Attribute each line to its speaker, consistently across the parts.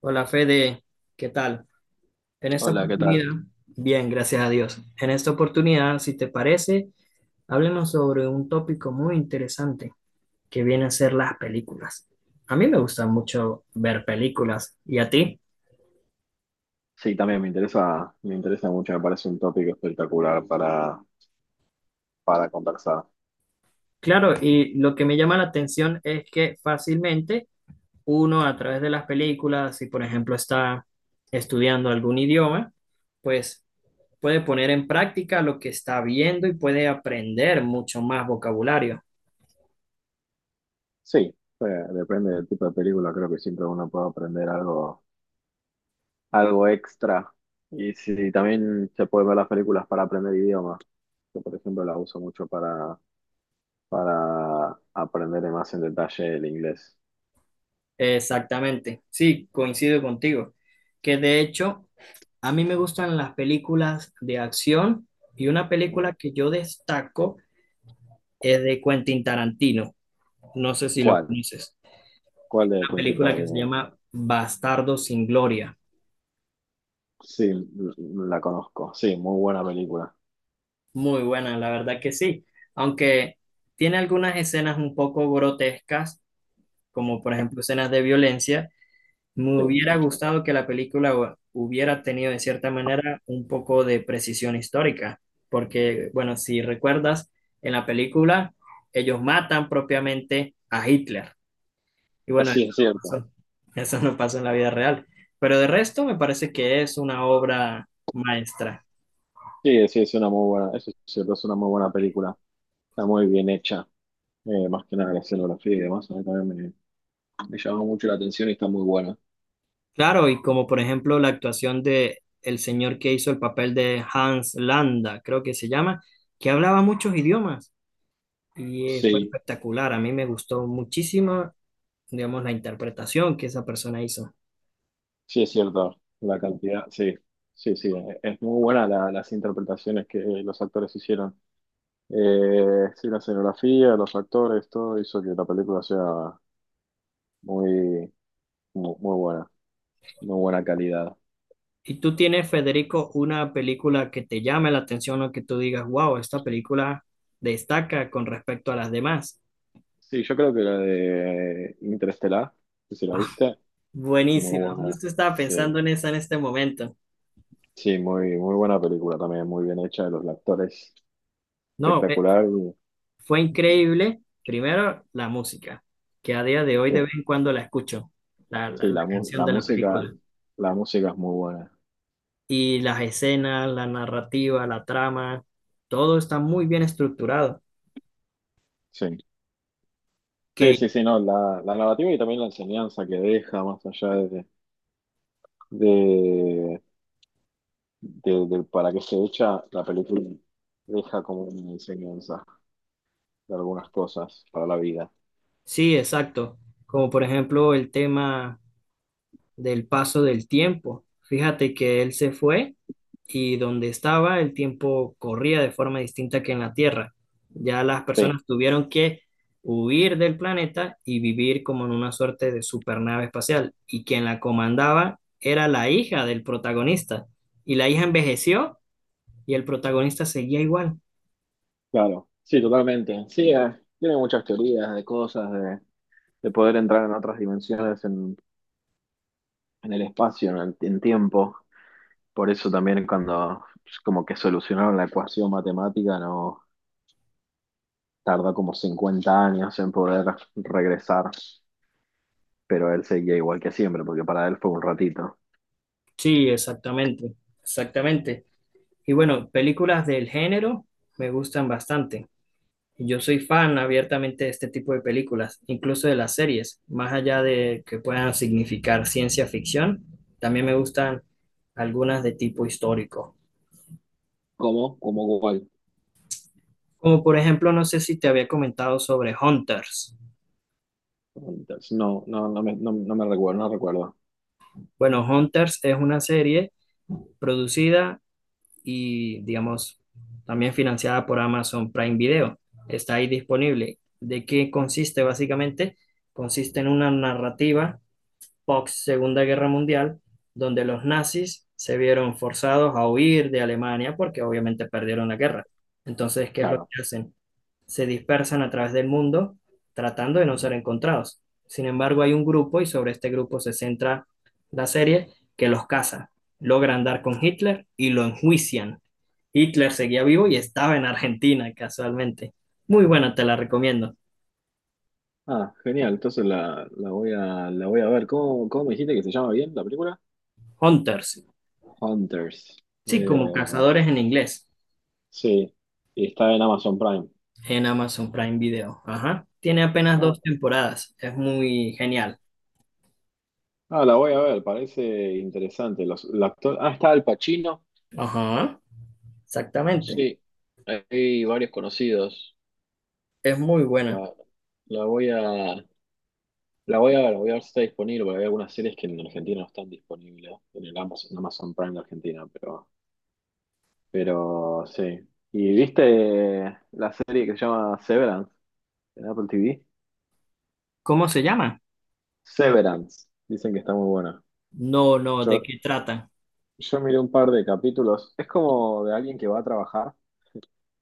Speaker 1: Hola Fede, ¿qué tal? En esta
Speaker 2: Hola, ¿qué tal?
Speaker 1: oportunidad, bien, gracias a Dios. En esta oportunidad, si te parece, háblenos sobre un tópico muy interesante que viene a ser las películas. A mí me gusta mucho ver películas, ¿y a ti?
Speaker 2: Sí, también me interesa mucho, me parece un tópico espectacular para conversar.
Speaker 1: Claro, y lo que me llama la atención es que fácilmente uno a través de las películas, si por ejemplo está estudiando algún idioma, pues puede poner en práctica lo que está viendo y puede aprender mucho más vocabulario.
Speaker 2: Sí, eh, depende del tipo de película, creo que siempre uno puede aprender algo, algo extra. Y sí, sí, también se puede ver las películas para aprender idiomas. Yo, por ejemplo, las uso mucho para aprender más en detalle el inglés.
Speaker 1: Exactamente, sí, coincido contigo. Que de hecho, a mí me gustan las películas de acción y una
Speaker 2: Eh,
Speaker 1: película que yo destaco es de Quentin Tarantino. No sé si lo
Speaker 2: ¿Cuál?
Speaker 1: conoces.
Speaker 2: ¿Cuál de
Speaker 1: Una
Speaker 2: Quentin
Speaker 1: película que se
Speaker 2: Tarantino?
Speaker 1: llama Bastardo sin Gloria.
Speaker 2: Sí, la conozco. Sí, muy buena película.
Speaker 1: Muy buena, la verdad que sí. Aunque tiene algunas escenas un poco grotescas, como por ejemplo escenas de violencia, me
Speaker 2: Sí,
Speaker 1: hubiera
Speaker 2: mucho.
Speaker 1: gustado que la película hubiera tenido de cierta manera un poco de precisión histórica, porque, bueno, si recuerdas, en la película ellos matan propiamente a Hitler. Y bueno, eso
Speaker 2: Sí, es
Speaker 1: no
Speaker 2: cierto.
Speaker 1: pasó, eso no pasó en la vida real. Pero de resto me parece que es una obra maestra.
Speaker 2: Sí, sí, es una muy buena, eso sí, es cierto, es una muy buena película. Está muy bien hecha, más que nada la escenografía y demás. A mí también me llamó mucho la atención y está muy buena.
Speaker 1: Claro, y como por ejemplo la actuación de el señor que hizo el papel de Hans Landa, creo que se llama, que hablaba muchos idiomas. Y fue
Speaker 2: Sí,
Speaker 1: espectacular, a mí me gustó muchísimo, digamos, la interpretación que esa persona hizo.
Speaker 2: sí, es cierto, la cantidad, sí, sí, sí, es muy buena las interpretaciones que los actores hicieron. Sí, la escenografía, los actores, todo hizo que la película sea muy, muy, muy buena calidad.
Speaker 1: ¿Y tú tienes, Federico, una película que te llame la atención o que tú digas, wow, esta película destaca con respecto a las demás?
Speaker 2: Sí, yo creo que la de Interestelar, que si la
Speaker 1: Ah,
Speaker 2: viste, muy
Speaker 1: buenísimo,
Speaker 2: buena,
Speaker 1: justo estaba
Speaker 2: sí.
Speaker 1: pensando en esa en este momento.
Speaker 2: Sí, muy, muy buena película también, muy bien hecha, los actores
Speaker 1: No,
Speaker 2: espectacular.
Speaker 1: fue increíble, primero, la música, que a día de hoy
Speaker 2: Sí,
Speaker 1: de vez en cuando la escucho, la, la
Speaker 2: sí,
Speaker 1: la canción de la película.
Speaker 2: la música es muy buena.
Speaker 1: Y las escenas, la narrativa, la trama, todo está muy bien estructurado.
Speaker 2: Sí, sí,
Speaker 1: Que
Speaker 2: sí, sí, no, la narrativa y también la enseñanza que deja más allá de, de para qué se echa, la película deja como una enseñanza de algunas cosas para la vida.
Speaker 1: sí, exacto. Como por ejemplo el tema del paso del tiempo. Fíjate que él se fue y donde estaba el tiempo corría de forma distinta que en la Tierra. Ya las
Speaker 2: Sí,
Speaker 1: personas tuvieron que huir del planeta y vivir como en una suerte de supernave espacial. Y quien la comandaba era la hija del protagonista. Y la hija envejeció y el protagonista seguía igual.
Speaker 2: claro, sí, totalmente. Sí, tiene muchas teorías de cosas, de poder entrar en otras dimensiones, en el espacio, en el en tiempo. Por eso también cuando pues, como que solucionaron la ecuación matemática, no tardó como 50 años en poder regresar, pero él seguía igual que siempre, porque para él fue un ratito.
Speaker 1: Sí, exactamente, exactamente. Y bueno, películas del género me gustan bastante. Yo soy fan abiertamente de este tipo de películas, incluso de las series, más allá de que puedan significar ciencia ficción, también me gustan algunas de tipo histórico.
Speaker 2: ¿Cómo? ¿Cómo cuál?
Speaker 1: Como por ejemplo, no sé si te había comentado sobre Hunters.
Speaker 2: Entonces, no, no, no, no me recuerdo, no recuerdo.
Speaker 1: Bueno, Hunters es una serie producida y, digamos, también financiada por Amazon Prime Video. Está ahí disponible. ¿De qué consiste básicamente? Consiste en una narrativa post Segunda Guerra Mundial, donde los nazis se vieron forzados a huir de Alemania porque obviamente perdieron la guerra. Entonces, ¿qué es lo
Speaker 2: Claro.
Speaker 1: que hacen? Se dispersan a través del mundo tratando de no ser encontrados. Sin embargo, hay un grupo y sobre este grupo se centra la serie que los caza, logran dar con Hitler y lo enjuician. Hitler seguía vivo y estaba en Argentina casualmente. Muy buena, te la recomiendo.
Speaker 2: Ah, genial. Entonces la voy a ver. ¿Cómo, cómo me dijiste que se llama bien la película?
Speaker 1: Hunters,
Speaker 2: Hunters.
Speaker 1: sí, como
Speaker 2: Eh,
Speaker 1: cazadores en inglés,
Speaker 2: sí. Y está en Amazon Prime.
Speaker 1: en Amazon Prime Video. Ajá. Tiene apenas
Speaker 2: Ah,
Speaker 1: dos temporadas, es muy genial.
Speaker 2: ah, la voy a ver. Parece interesante. Los, ah, está Al Pacino.
Speaker 1: Ajá, exactamente,
Speaker 2: Sí, hay varios conocidos.
Speaker 1: es muy buena.
Speaker 2: La, la voy a, la voy a ver si está disponible, porque hay algunas series que en Argentina no están disponibles, en el Amazon, en Amazon Prime de Argentina, pero sí. ¿Y viste la serie que se llama Severance en Apple TV?
Speaker 1: ¿Cómo se llama?
Speaker 2: Severance, dicen que está muy buena.
Speaker 1: No, no, ¿de
Speaker 2: Yo,
Speaker 1: qué trata?
Speaker 2: yo miré un par de capítulos, es como de alguien que va a trabajar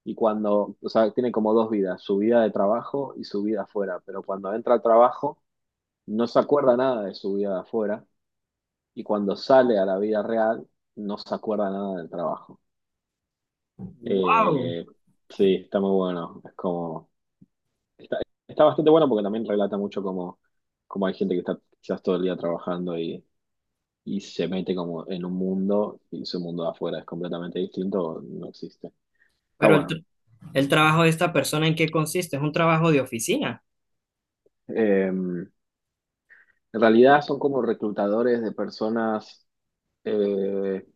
Speaker 2: y cuando, o sea, tiene como dos vidas, su vida de trabajo y su vida afuera, pero cuando entra al trabajo no se acuerda nada de su vida de afuera y cuando sale a la vida real no se acuerda nada del trabajo.
Speaker 1: Wow.
Speaker 2: Eh, sí, está muy bueno. Es como, está, está bastante bueno porque también relata mucho cómo, cómo hay gente que está quizás todo el día trabajando y se mete como en un mundo y su mundo de afuera es completamente distinto, o no existe. Está
Speaker 1: Pero
Speaker 2: bueno.
Speaker 1: el trabajo de esta persona, ¿en qué consiste? Es un trabajo de oficina.
Speaker 2: En realidad son como reclutadores de personas. eh,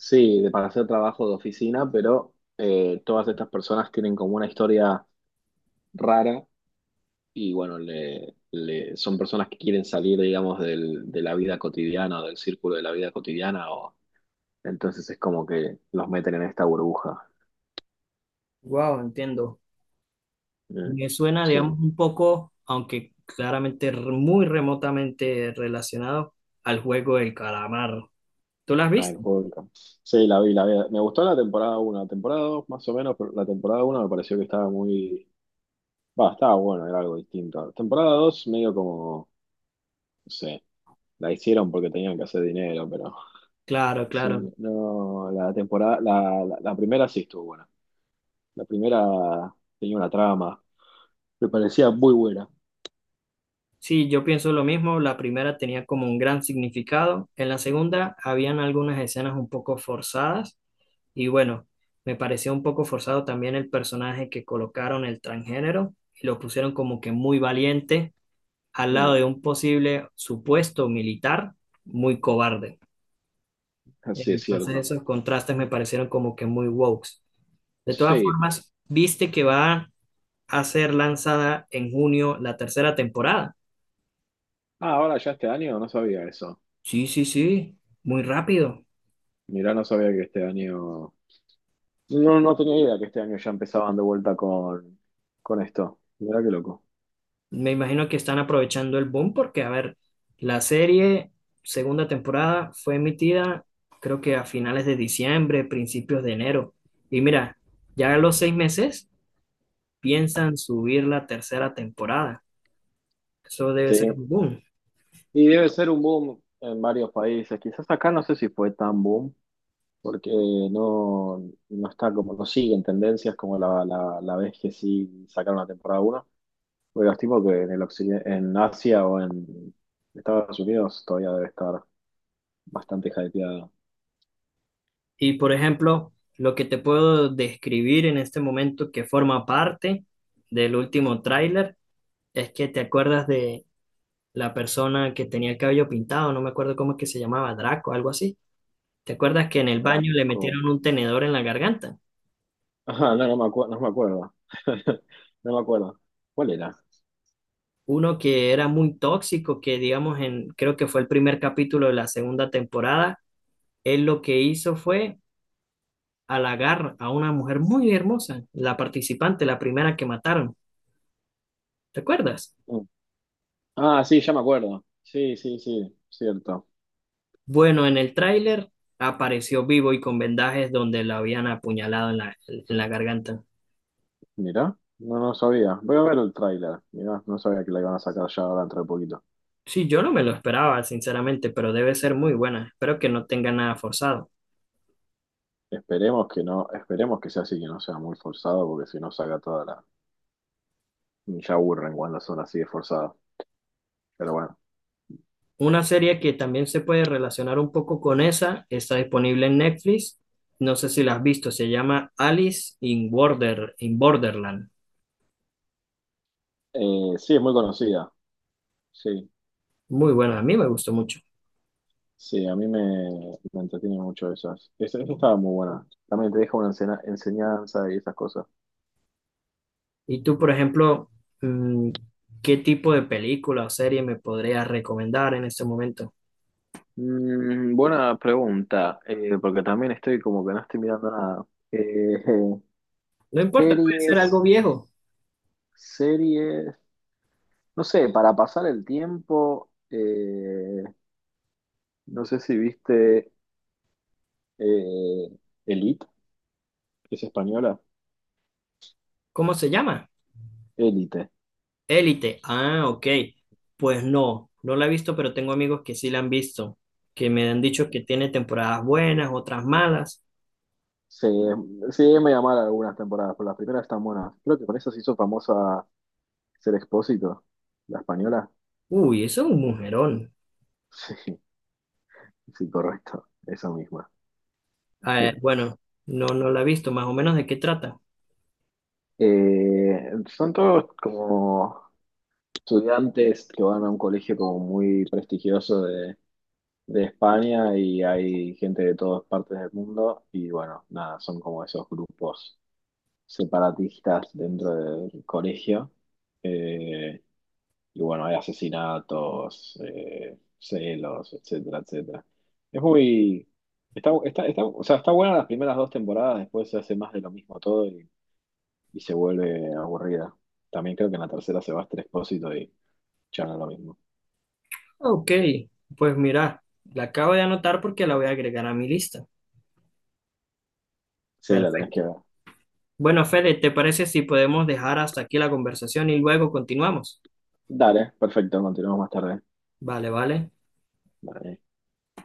Speaker 2: Sí, de para hacer trabajo de oficina, pero todas estas personas tienen como una historia rara y bueno, son personas que quieren salir, digamos, del, de la vida cotidiana o del círculo de la vida cotidiana o entonces es como que los meten en esta burbuja.
Speaker 1: Wow, entiendo.
Speaker 2: Mm,
Speaker 1: Me suena,
Speaker 2: sí,
Speaker 1: digamos, un poco, aunque claramente muy remotamente relacionado al juego del calamar. ¿Tú las
Speaker 2: ah, el
Speaker 1: viste?
Speaker 2: juego del campo. Sí, la vi, la vi. Me gustó la temporada uno la temporada 2 más o menos, pero la temporada uno me pareció que estaba muy. Va, estaba bueno, era algo distinto. Temporada 2 medio como, no sé. La hicieron porque tenían que hacer dinero, pero
Speaker 1: Claro,
Speaker 2: sí,
Speaker 1: claro.
Speaker 2: no, la primera sí estuvo buena. La primera tenía una trama, me parecía muy buena.
Speaker 1: Sí, yo pienso lo mismo. La primera tenía como un gran significado. En la segunda habían algunas escenas un poco forzadas. Y bueno, me pareció un poco forzado también el personaje que colocaron el transgénero y lo pusieron como que muy valiente al lado
Speaker 2: Mm,
Speaker 1: de un posible supuesto militar muy cobarde.
Speaker 2: así es
Speaker 1: Entonces
Speaker 2: cierto.
Speaker 1: esos contrastes me parecieron como que muy woke. De todas
Speaker 2: Sí.
Speaker 1: formas, ¿viste que va a ser lanzada en junio la tercera temporada?
Speaker 2: Ah, ahora ya este año no sabía eso.
Speaker 1: Sí, sí, sí, muy rápido.
Speaker 2: Mirá, no sabía que este año. No, no tenía idea que este año ya empezaban de vuelta con esto. Mirá qué loco.
Speaker 1: Me imagino que están aprovechando el boom porque, a ver, la serie segunda temporada fue emitida creo que a finales de diciembre, principios de enero. Y mira, ya a los 6 meses piensan subir la tercera temporada. Eso debe ser
Speaker 2: Sí.
Speaker 1: un boom.
Speaker 2: Y debe ser un boom en varios países. Quizás acá no sé si fue tan boom, porque no, no está como, no siguen tendencias como la vez que sí sacaron la temporada uno. Porque los tipos que en el occidente, en Asia o en Estados Unidos todavía debe estar bastante hypeada.
Speaker 1: Y por ejemplo, lo que te puedo describir en este momento que forma parte del último tráiler es que te acuerdas de la persona que tenía el cabello pintado, no me acuerdo cómo es que se llamaba, Draco, algo así. ¿Te acuerdas que en el baño le
Speaker 2: Draco.
Speaker 1: metieron un tenedor en la garganta?
Speaker 2: Ajá, no, no me acuerdo, no me acuerdo. No me acuerdo. ¿Cuál era?
Speaker 1: Uno que era muy tóxico, que digamos en, creo que fue el primer capítulo de la segunda temporada, él lo que hizo fue halagar a una mujer muy hermosa, la participante, la primera que mataron. ¿Te acuerdas?
Speaker 2: Mm. Ah, sí, ya me acuerdo. Sí, sí, sí, cierto.
Speaker 1: Bueno, en el tráiler apareció vivo y con vendajes donde lo habían apuñalado en en la garganta.
Speaker 2: Mirá, no, no sabía. Voy a ver el tráiler. Mirá, no sabía que la iban a sacar ya ahora dentro de poquito.
Speaker 1: Sí, yo no me lo esperaba, sinceramente, pero debe ser muy buena. Espero que no tenga nada forzado.
Speaker 2: Esperemos que no, esperemos que sea así, que no sea muy forzado, porque si no saca toda la. Ya aburren cuando son así de forzadas. Pero bueno.
Speaker 1: Una serie que también se puede relacionar un poco con esa, está disponible en Netflix. No sé si la has visto, se llama Alice in Border, in Borderland.
Speaker 2: Sí, es muy conocida. Sí,
Speaker 1: Muy buena, a mí me gustó mucho.
Speaker 2: sí, me entretiene mucho esas. Esa estaba muy buena. También te deja una enseñanza y esas cosas.
Speaker 1: Y tú, por ejemplo, mm, ¿qué tipo de película o serie me podrías recomendar en este momento?
Speaker 2: Mm, buena pregunta, porque también estoy como que no estoy mirando nada.
Speaker 1: No importa, puede ser algo
Speaker 2: Series,
Speaker 1: viejo.
Speaker 2: series, no sé, para pasar el tiempo, no sé si viste eh, Elite, que es española.
Speaker 1: ¿Cómo se llama?
Speaker 2: Elite.
Speaker 1: Élite. Ah, ok. Pues no, no la he visto, pero tengo amigos que sí la han visto, que me han dicho que tiene temporadas buenas, otras malas.
Speaker 2: Se Sí, me llamaron algunas temporadas, pero las primeras están buenas. Creo que con eso se hizo famosa Ser Expósito, la española.
Speaker 1: Uy, eso es un mujerón.
Speaker 2: Sí, sí, correcto. Esa misma.
Speaker 1: Ah, bueno, no, no la he visto, más o menos de qué trata.
Speaker 2: Eh, son todos como estudiantes que van a un colegio como muy prestigioso de España y hay gente de todas partes del mundo y bueno, nada, son como esos grupos separatistas dentro del colegio. eh, y bueno, hay asesinatos, celos, etcétera, etcétera. Es muy. O sea, está buena las primeras dos temporadas, después se hace más de lo mismo todo y se vuelve aburrida. También creo que en la tercera se va Esther Expósito y ya no es lo mismo.
Speaker 1: Ok, pues mira, la acabo de anotar porque la voy a agregar a mi lista.
Speaker 2: Sí, la tenés
Speaker 1: Perfecto.
Speaker 2: que ver.
Speaker 1: Bueno, Fede, ¿te parece si podemos dejar hasta aquí la conversación y luego continuamos?
Speaker 2: Dale, perfecto, continuamos más tarde.
Speaker 1: Vale, vale.
Speaker 2: Dale.